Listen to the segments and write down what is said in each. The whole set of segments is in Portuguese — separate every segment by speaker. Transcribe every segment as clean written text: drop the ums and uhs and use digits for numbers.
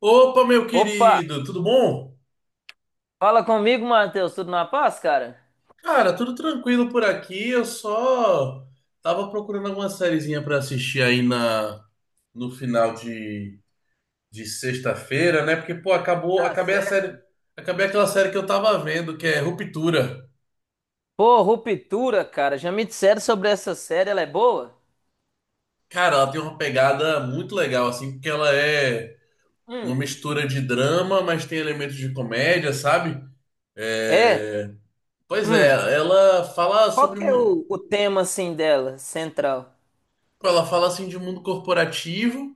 Speaker 1: Opa, meu
Speaker 2: Opa,
Speaker 1: querido, tudo bom?
Speaker 2: fala comigo, Matheus. Tudo na paz, cara?
Speaker 1: Cara, tudo tranquilo por aqui. Eu só tava procurando alguma sériezinha pra assistir aí na no final de sexta-feira, né? Porque pô,
Speaker 2: Tá
Speaker 1: acabei a
Speaker 2: certo.
Speaker 1: série, acabei aquela série que eu tava vendo, que é Ruptura.
Speaker 2: Pô, Ruptura, cara. Já me disseram sobre essa série, ela é boa?
Speaker 1: Cara, ela tem uma pegada muito legal assim, porque ela é uma
Speaker 2: Hum.
Speaker 1: mistura de drama, mas tem elementos de comédia, sabe?
Speaker 2: É?
Speaker 1: É... Pois é,
Speaker 2: Hum.
Speaker 1: ela fala
Speaker 2: Qual
Speaker 1: sobre
Speaker 2: que é o tema, assim, dela, central?
Speaker 1: ela fala assim de mundo corporativo.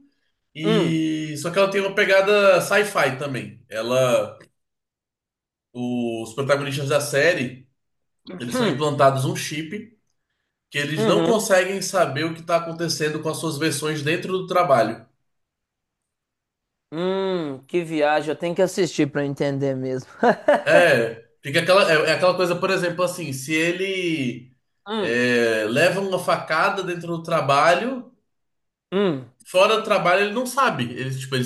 Speaker 2: Hum.
Speaker 1: E só que ela tem uma pegada sci-fi também. Os protagonistas da série, eles são
Speaker 2: Hum.
Speaker 1: implantados um chip que eles não
Speaker 2: Uhum.
Speaker 1: conseguem saber o que está acontecendo com as suas versões dentro do trabalho.
Speaker 2: Que viagem. Eu tenho que assistir pra eu entender mesmo.
Speaker 1: É, fica aquela, é aquela coisa, por exemplo, assim, se ele
Speaker 2: Hum.
Speaker 1: leva uma facada dentro do trabalho,
Speaker 2: Hum.
Speaker 1: fora do trabalho ele não sabe. Ele, tipo, ele,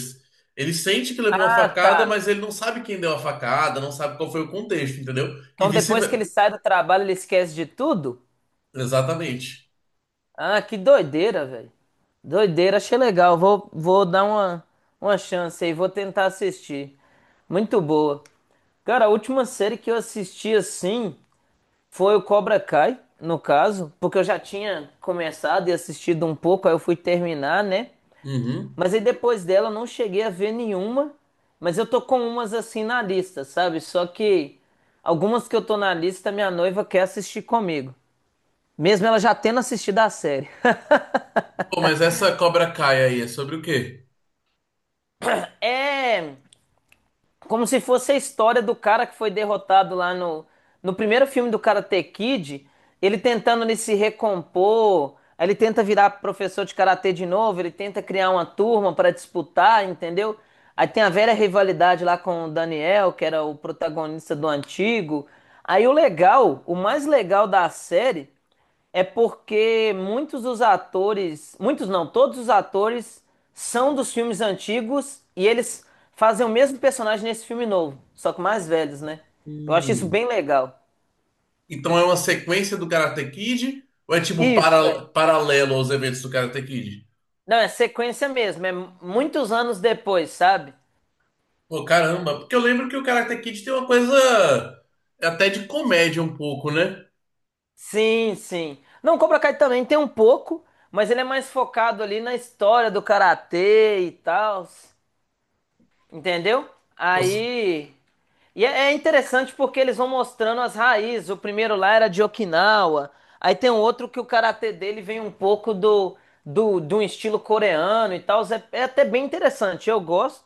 Speaker 1: ele sente que levou uma
Speaker 2: Ah,
Speaker 1: facada,
Speaker 2: tá.
Speaker 1: mas ele não sabe quem deu a facada, não sabe qual foi o contexto, entendeu? E
Speaker 2: Então depois que ele
Speaker 1: vice-versa.
Speaker 2: sai do trabalho, ele esquece de tudo?
Speaker 1: Exatamente.
Speaker 2: Ah, que doideira, velho. Doideira, achei legal. Vou dar uma chance aí, vou tentar assistir. Muito boa. Cara, a última série que eu assisti assim foi o Cobra Kai, no caso, porque eu já tinha começado e assistido um pouco, aí eu fui terminar, né?
Speaker 1: Uhum.
Speaker 2: Mas aí depois dela eu não cheguei a ver nenhuma, mas eu tô com umas assim na lista, sabe? Só que algumas que eu tô na lista, minha noiva quer assistir comigo. Mesmo ela já tendo assistido a série.
Speaker 1: Pô, mas essa Cobra Kai aí é sobre o quê?
Speaker 2: É como se fosse a história do cara que foi derrotado lá no primeiro filme do Karate Kid, ele tentando ele se recompor, aí ele tenta virar professor de karatê de novo, ele tenta criar uma turma para disputar, entendeu? Aí tem a velha rivalidade lá com o Daniel, que era o protagonista do antigo. Aí o legal, o mais legal da série é porque muitos dos atores, muitos não, todos os atores são dos filmes antigos e eles fazem o mesmo personagem nesse filme novo, só que mais velhos, né? Eu acho isso
Speaker 1: Hum.
Speaker 2: bem legal.
Speaker 1: Então é uma sequência do Karate Kid ou é tipo
Speaker 2: Isso, é.
Speaker 1: paralelo aos eventos do Karate Kid?
Speaker 2: Não, é sequência mesmo, é muitos anos depois, sabe?
Speaker 1: Pô, caramba, porque eu lembro que o Karate Kid tem uma coisa até de comédia um pouco, né?
Speaker 2: Sim, sim. Não, Cobra Kai também tem um pouco, mas ele é mais focado ali na história do karatê e tal. Entendeu?
Speaker 1: Pô, se-
Speaker 2: Aí. E é interessante porque eles vão mostrando as raízes. O primeiro lá era de Okinawa. Aí tem um outro que o karatê dele vem um pouco de um estilo coreano e tal. É, é até bem interessante. Eu gosto,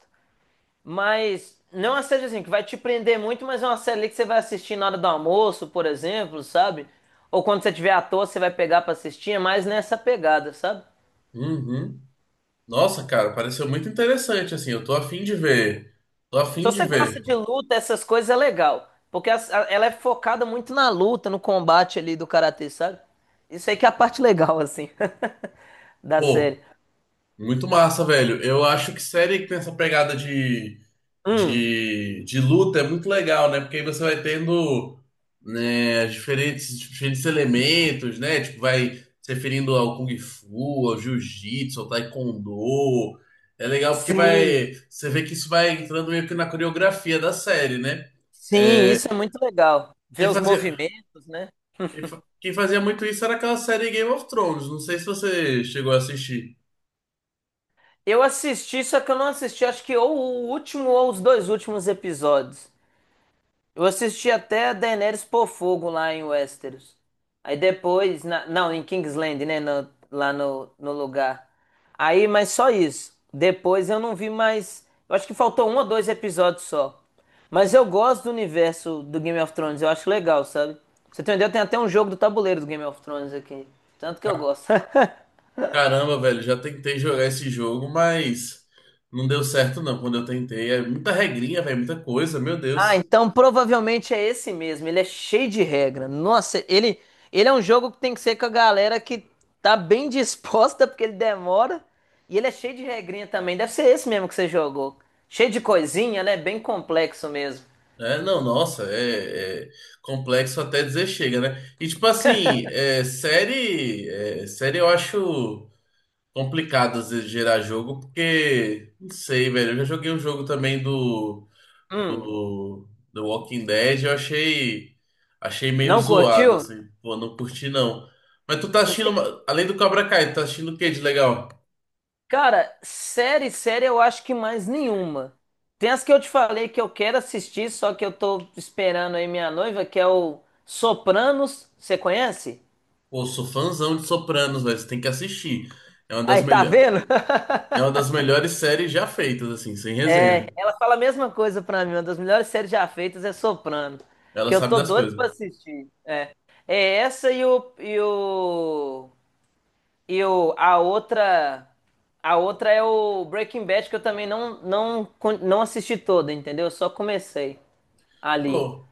Speaker 2: mas não é uma série assim que vai te prender muito, mas é uma série ali que você vai assistir na hora do almoço, por exemplo, sabe? Ou quando você tiver à toa, você vai pegar pra assistir. É mais nessa pegada, sabe?
Speaker 1: Uhum. Nossa, cara, pareceu muito interessante assim. Eu tô afim de ver. Tô
Speaker 2: Se
Speaker 1: afim de
Speaker 2: você gosta
Speaker 1: ver.
Speaker 2: de luta, essas coisas é legal. Porque as- a- ela é focada muito na luta, no combate ali do karatê, sabe? Isso aí que é a parte legal, assim, da
Speaker 1: Pô.
Speaker 2: série.
Speaker 1: Muito massa, velho. Eu acho que série que tem essa pegada de,
Speaker 2: Hum,
Speaker 1: de, de luta é muito legal, né? Porque aí você vai tendo, né, diferentes elementos, né? Tipo, vai se referindo ao Kung Fu, ao Jiu-Jitsu, ao Taekwondo. É legal porque
Speaker 2: sim,
Speaker 1: vai. Você vê que isso vai entrando meio que na coreografia da série, né?
Speaker 2: sim,
Speaker 1: É,
Speaker 2: isso é muito legal.
Speaker 1: quem
Speaker 2: Ver os
Speaker 1: fazia,
Speaker 2: movimentos, né?
Speaker 1: quem fazia muito isso era aquela série Game of Thrones. Não sei se você chegou a assistir.
Speaker 2: Eu assisti, só que eu não assisti, acho que ou o último ou os dois últimos episódios. Eu assisti até a Daenerys pôr fogo lá em Westeros. Aí depois, na- não, em Kingsland, né? no- lá no lugar. Aí, mas só isso. Depois eu não vi mais. Eu acho que faltou um ou dois episódios só. Mas eu gosto do universo do Game of Thrones. Eu acho legal, sabe? Pra você entendeu? Tem até um jogo do tabuleiro do Game of Thrones aqui. Tanto que eu gosto.
Speaker 1: Caramba, velho, já tentei jogar esse jogo, mas não deu certo não quando eu tentei. É muita regrinha, velho, muita coisa, meu
Speaker 2: Ah,
Speaker 1: Deus.
Speaker 2: então provavelmente é esse mesmo. Ele é cheio de regra. Nossa, ele é um jogo que tem que ser com a galera que tá bem disposta, porque ele demora. E ele é cheio de regrinha também. Deve ser esse mesmo que você jogou. Cheio de coisinha, né? Bem complexo mesmo.
Speaker 1: É, não, nossa, é complexo até dizer chega, né? E tipo assim, série eu acho. Complicado às vezes gerar jogo, porque, não sei, velho. Eu já joguei um jogo também
Speaker 2: Hum,
Speaker 1: do Walking Dead, eu achei meio
Speaker 2: não
Speaker 1: zoado,
Speaker 2: curtiu?
Speaker 1: assim. Pô, não curti não. Mas tu tá
Speaker 2: Eu
Speaker 1: assistindo,
Speaker 2: sei.
Speaker 1: além do Cobra Kai, tu tá assistindo o que de legal?
Speaker 2: Cara, série, série eu acho que mais nenhuma. Tem as que eu te falei que eu quero assistir, só que eu tô esperando aí minha noiva, que é o Sopranos. Você conhece?
Speaker 1: Pô, eu sou fãzão de Sopranos, velho. Você tem que assistir. É uma das
Speaker 2: Aí, tá
Speaker 1: melhores,
Speaker 2: vendo?
Speaker 1: é uma das melhores séries já feitas, assim, sem
Speaker 2: É,
Speaker 1: resenha.
Speaker 2: ela fala a mesma coisa pra mim. Uma das melhores séries já feitas é Soprano,
Speaker 1: Ela
Speaker 2: que eu
Speaker 1: sabe
Speaker 2: tô
Speaker 1: das
Speaker 2: doido
Speaker 1: coisas.
Speaker 2: pra assistir. É, é essa e o a outra é o Breaking Bad que eu também não con- não assisti toda, entendeu? Eu só comecei ali.
Speaker 1: Pô,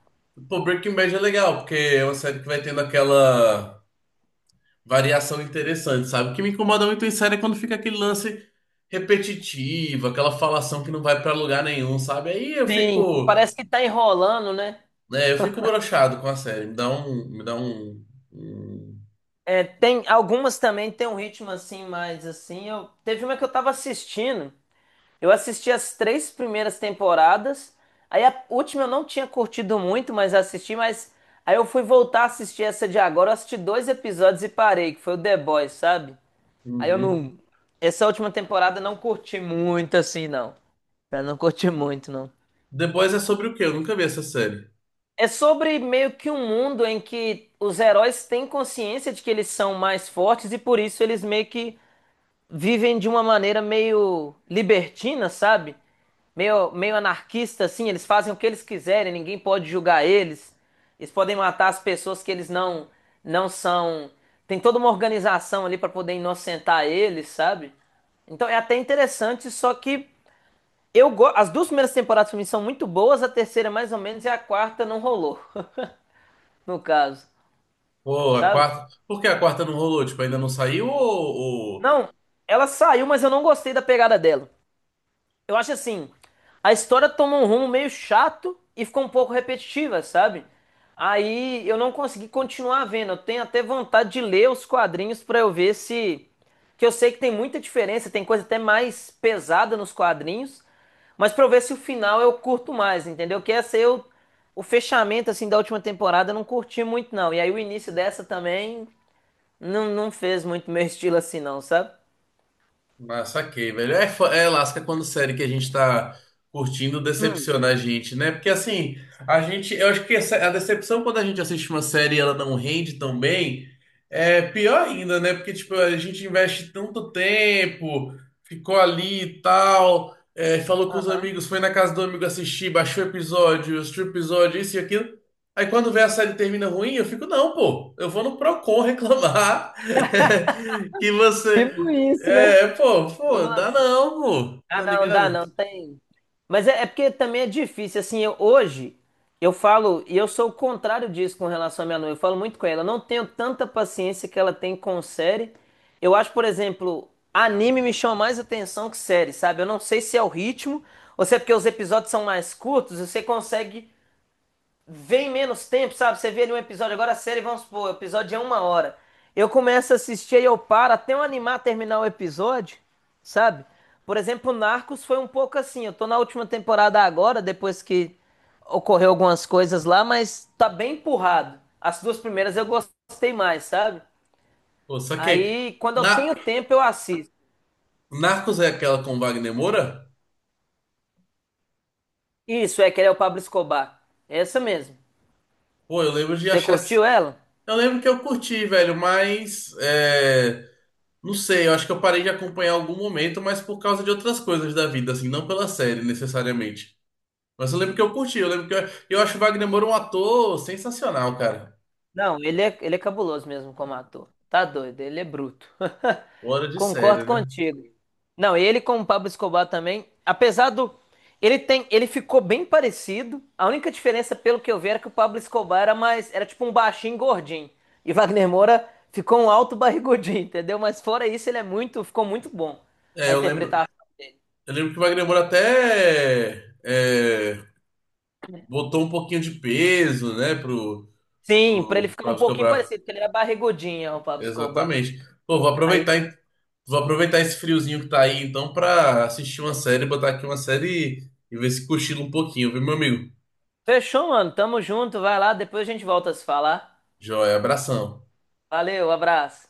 Speaker 1: pô, Breaking Bad é legal, porque é uma série que vai tendo aquela variação interessante, sabe? O que me incomoda muito em série é quando fica aquele lance repetitivo, aquela falação que não vai pra lugar nenhum, sabe? Aí eu
Speaker 2: Sim, co-
Speaker 1: fico,
Speaker 2: parece que tá enrolando, né?
Speaker 1: né, eu fico broxado com a série, me dá um, um-
Speaker 2: É, tem algumas também tem um ritmo assim mais assim. Eu teve uma que eu tava assistindo. Eu assisti as três primeiras temporadas. Aí a última eu não tinha curtido muito, mas assisti, mas aí eu fui voltar a assistir essa de agora. Eu assisti dois episódios e parei, que foi o The Boys, sabe?
Speaker 1: um,
Speaker 2: Aí eu
Speaker 1: uhum.
Speaker 2: não. Essa última temporada eu não curti muito assim, não. Eu não curti muito, não.
Speaker 1: The Boys é sobre o quê? Eu nunca vi essa série.
Speaker 2: É sobre meio que um mundo em que os heróis têm consciência de que eles são mais fortes e por isso eles meio que vivem de uma maneira meio libertina, sabe? Meio, meio anarquista, assim. Eles fazem o que eles quiserem, ninguém pode julgar eles. Eles podem matar as pessoas que eles não, não são. Tem toda uma organização ali para poder inocentar eles, sabe? Então é até interessante, só que eu go... as duas primeiras temporadas pra mim são muito boas, a terceira mais ou menos e a quarta não rolou, no caso,
Speaker 1: Pô, a
Speaker 2: sabe?
Speaker 1: quarta, por que a quarta não rolou? Tipo, ainda não saiu ou...
Speaker 2: Não, ela saiu, mas eu não gostei da pegada dela. Eu acho assim, a história tomou um rumo meio chato e ficou um pouco repetitiva, sabe? Aí eu não consegui continuar vendo. Eu tenho até vontade de ler os quadrinhos pra eu ver se. Que eu sei que tem muita diferença, tem coisa até mais pesada nos quadrinhos, mas pra eu ver se o final eu curto mais, entendeu? Que essa eu. O fechamento assim da última temporada eu não curti muito, não. E aí o início dessa também não, não fez muito meu estilo assim, não, sabe?
Speaker 1: Ah, saquei, velho. É, é lasca quando série que a gente tá curtindo decepciona a gente, né? Porque assim, eu acho que a decepção quando a gente assiste uma série e ela não rende tão bem, é pior ainda, né? Porque tipo, a gente investe tanto tempo, ficou ali e tal, é, falou com os
Speaker 2: Aham.
Speaker 1: amigos, foi na casa do amigo assistir, baixou o episódio, assistiu o episódio, isso e aquilo. Aí quando vê a série termina ruim, eu fico, não, pô, eu vou no Procon reclamar que você.
Speaker 2: Tipo isso, né?
Speaker 1: É, pô, dá
Speaker 2: Nossa.
Speaker 1: não, pô,
Speaker 2: Ah,
Speaker 1: tá
Speaker 2: não, dá
Speaker 1: ligado?
Speaker 2: não, tem. Mas é, é porque também é difícil, assim, eu- hoje eu falo, e eu sou o contrário disso com relação à minha noiva, eu falo muito com ela, eu não tenho tanta paciência que ela tem com série. Eu acho, por exemplo, anime me chama mais atenção que série, sabe? Eu não sei se é o ritmo, ou se é porque os episódios são mais curtos, e você consegue vem menos tempo, sabe? Você vê ali um episódio, agora a série, vamos supor, o episódio é uma hora. Eu começo a assistir e eu paro até eu animar a terminar o episódio, sabe? Por exemplo, Narcos foi um pouco assim. Eu tô na última temporada agora, depois que ocorreu algumas coisas lá, mas tá bem empurrado. As duas primeiras eu gostei mais, sabe?
Speaker 1: Pô, só que
Speaker 2: Aí, quando eu tenho
Speaker 1: na,
Speaker 2: tempo, eu assisto.
Speaker 1: Narcos é aquela com Wagner Moura?
Speaker 2: Isso, é que ele é o Pablo Escobar. É essa mesmo.
Speaker 1: Pô, eu lembro de
Speaker 2: Você
Speaker 1: achar.
Speaker 2: curtiu ela?
Speaker 1: Eu lembro que eu curti, velho, mas é, não sei, eu acho que eu parei de acompanhar em algum momento, mas por causa de outras coisas da vida, assim, não pela série necessariamente. Mas eu lembro que eu curti, eu lembro que eu acho o Wagner Moura um ator sensacional, cara.
Speaker 2: Não, ele é cabuloso mesmo como ator. Tá doido, ele é bruto.
Speaker 1: Fora de
Speaker 2: Concordo
Speaker 1: série, né?
Speaker 2: contigo. Não, ele com o Pablo Escobar também, apesar do ele tem, ele ficou bem parecido. A única diferença, pelo que eu vi, era que o Pablo Escobar era mais, era tipo um baixinho gordinho e Wagner Moura ficou um alto barrigudinho, entendeu? Mas fora isso, ele é muito, ficou muito bom
Speaker 1: É,
Speaker 2: a interpretação dele.
Speaker 1: eu lembro que o Wagner Moura até é, botou um pouquinho de peso, né,
Speaker 2: Sim, pra ele ficar
Speaker 1: pro
Speaker 2: um pouquinho
Speaker 1: Escobar.
Speaker 2: parecido, porque ele era barrigudinho, o Pablo Escobar.
Speaker 1: Exatamente. Pô, vou
Speaker 2: Aí,
Speaker 1: aproveitar, hein? Vou aproveitar esse friozinho que tá aí, então, pra assistir uma série, botar aqui uma série e ver se cochila um pouquinho, viu, meu amigo?
Speaker 2: fechou, mano. Tamo junto, vai lá, depois a gente volta a se falar.
Speaker 1: Joia, abração.
Speaker 2: Valeu, abraço.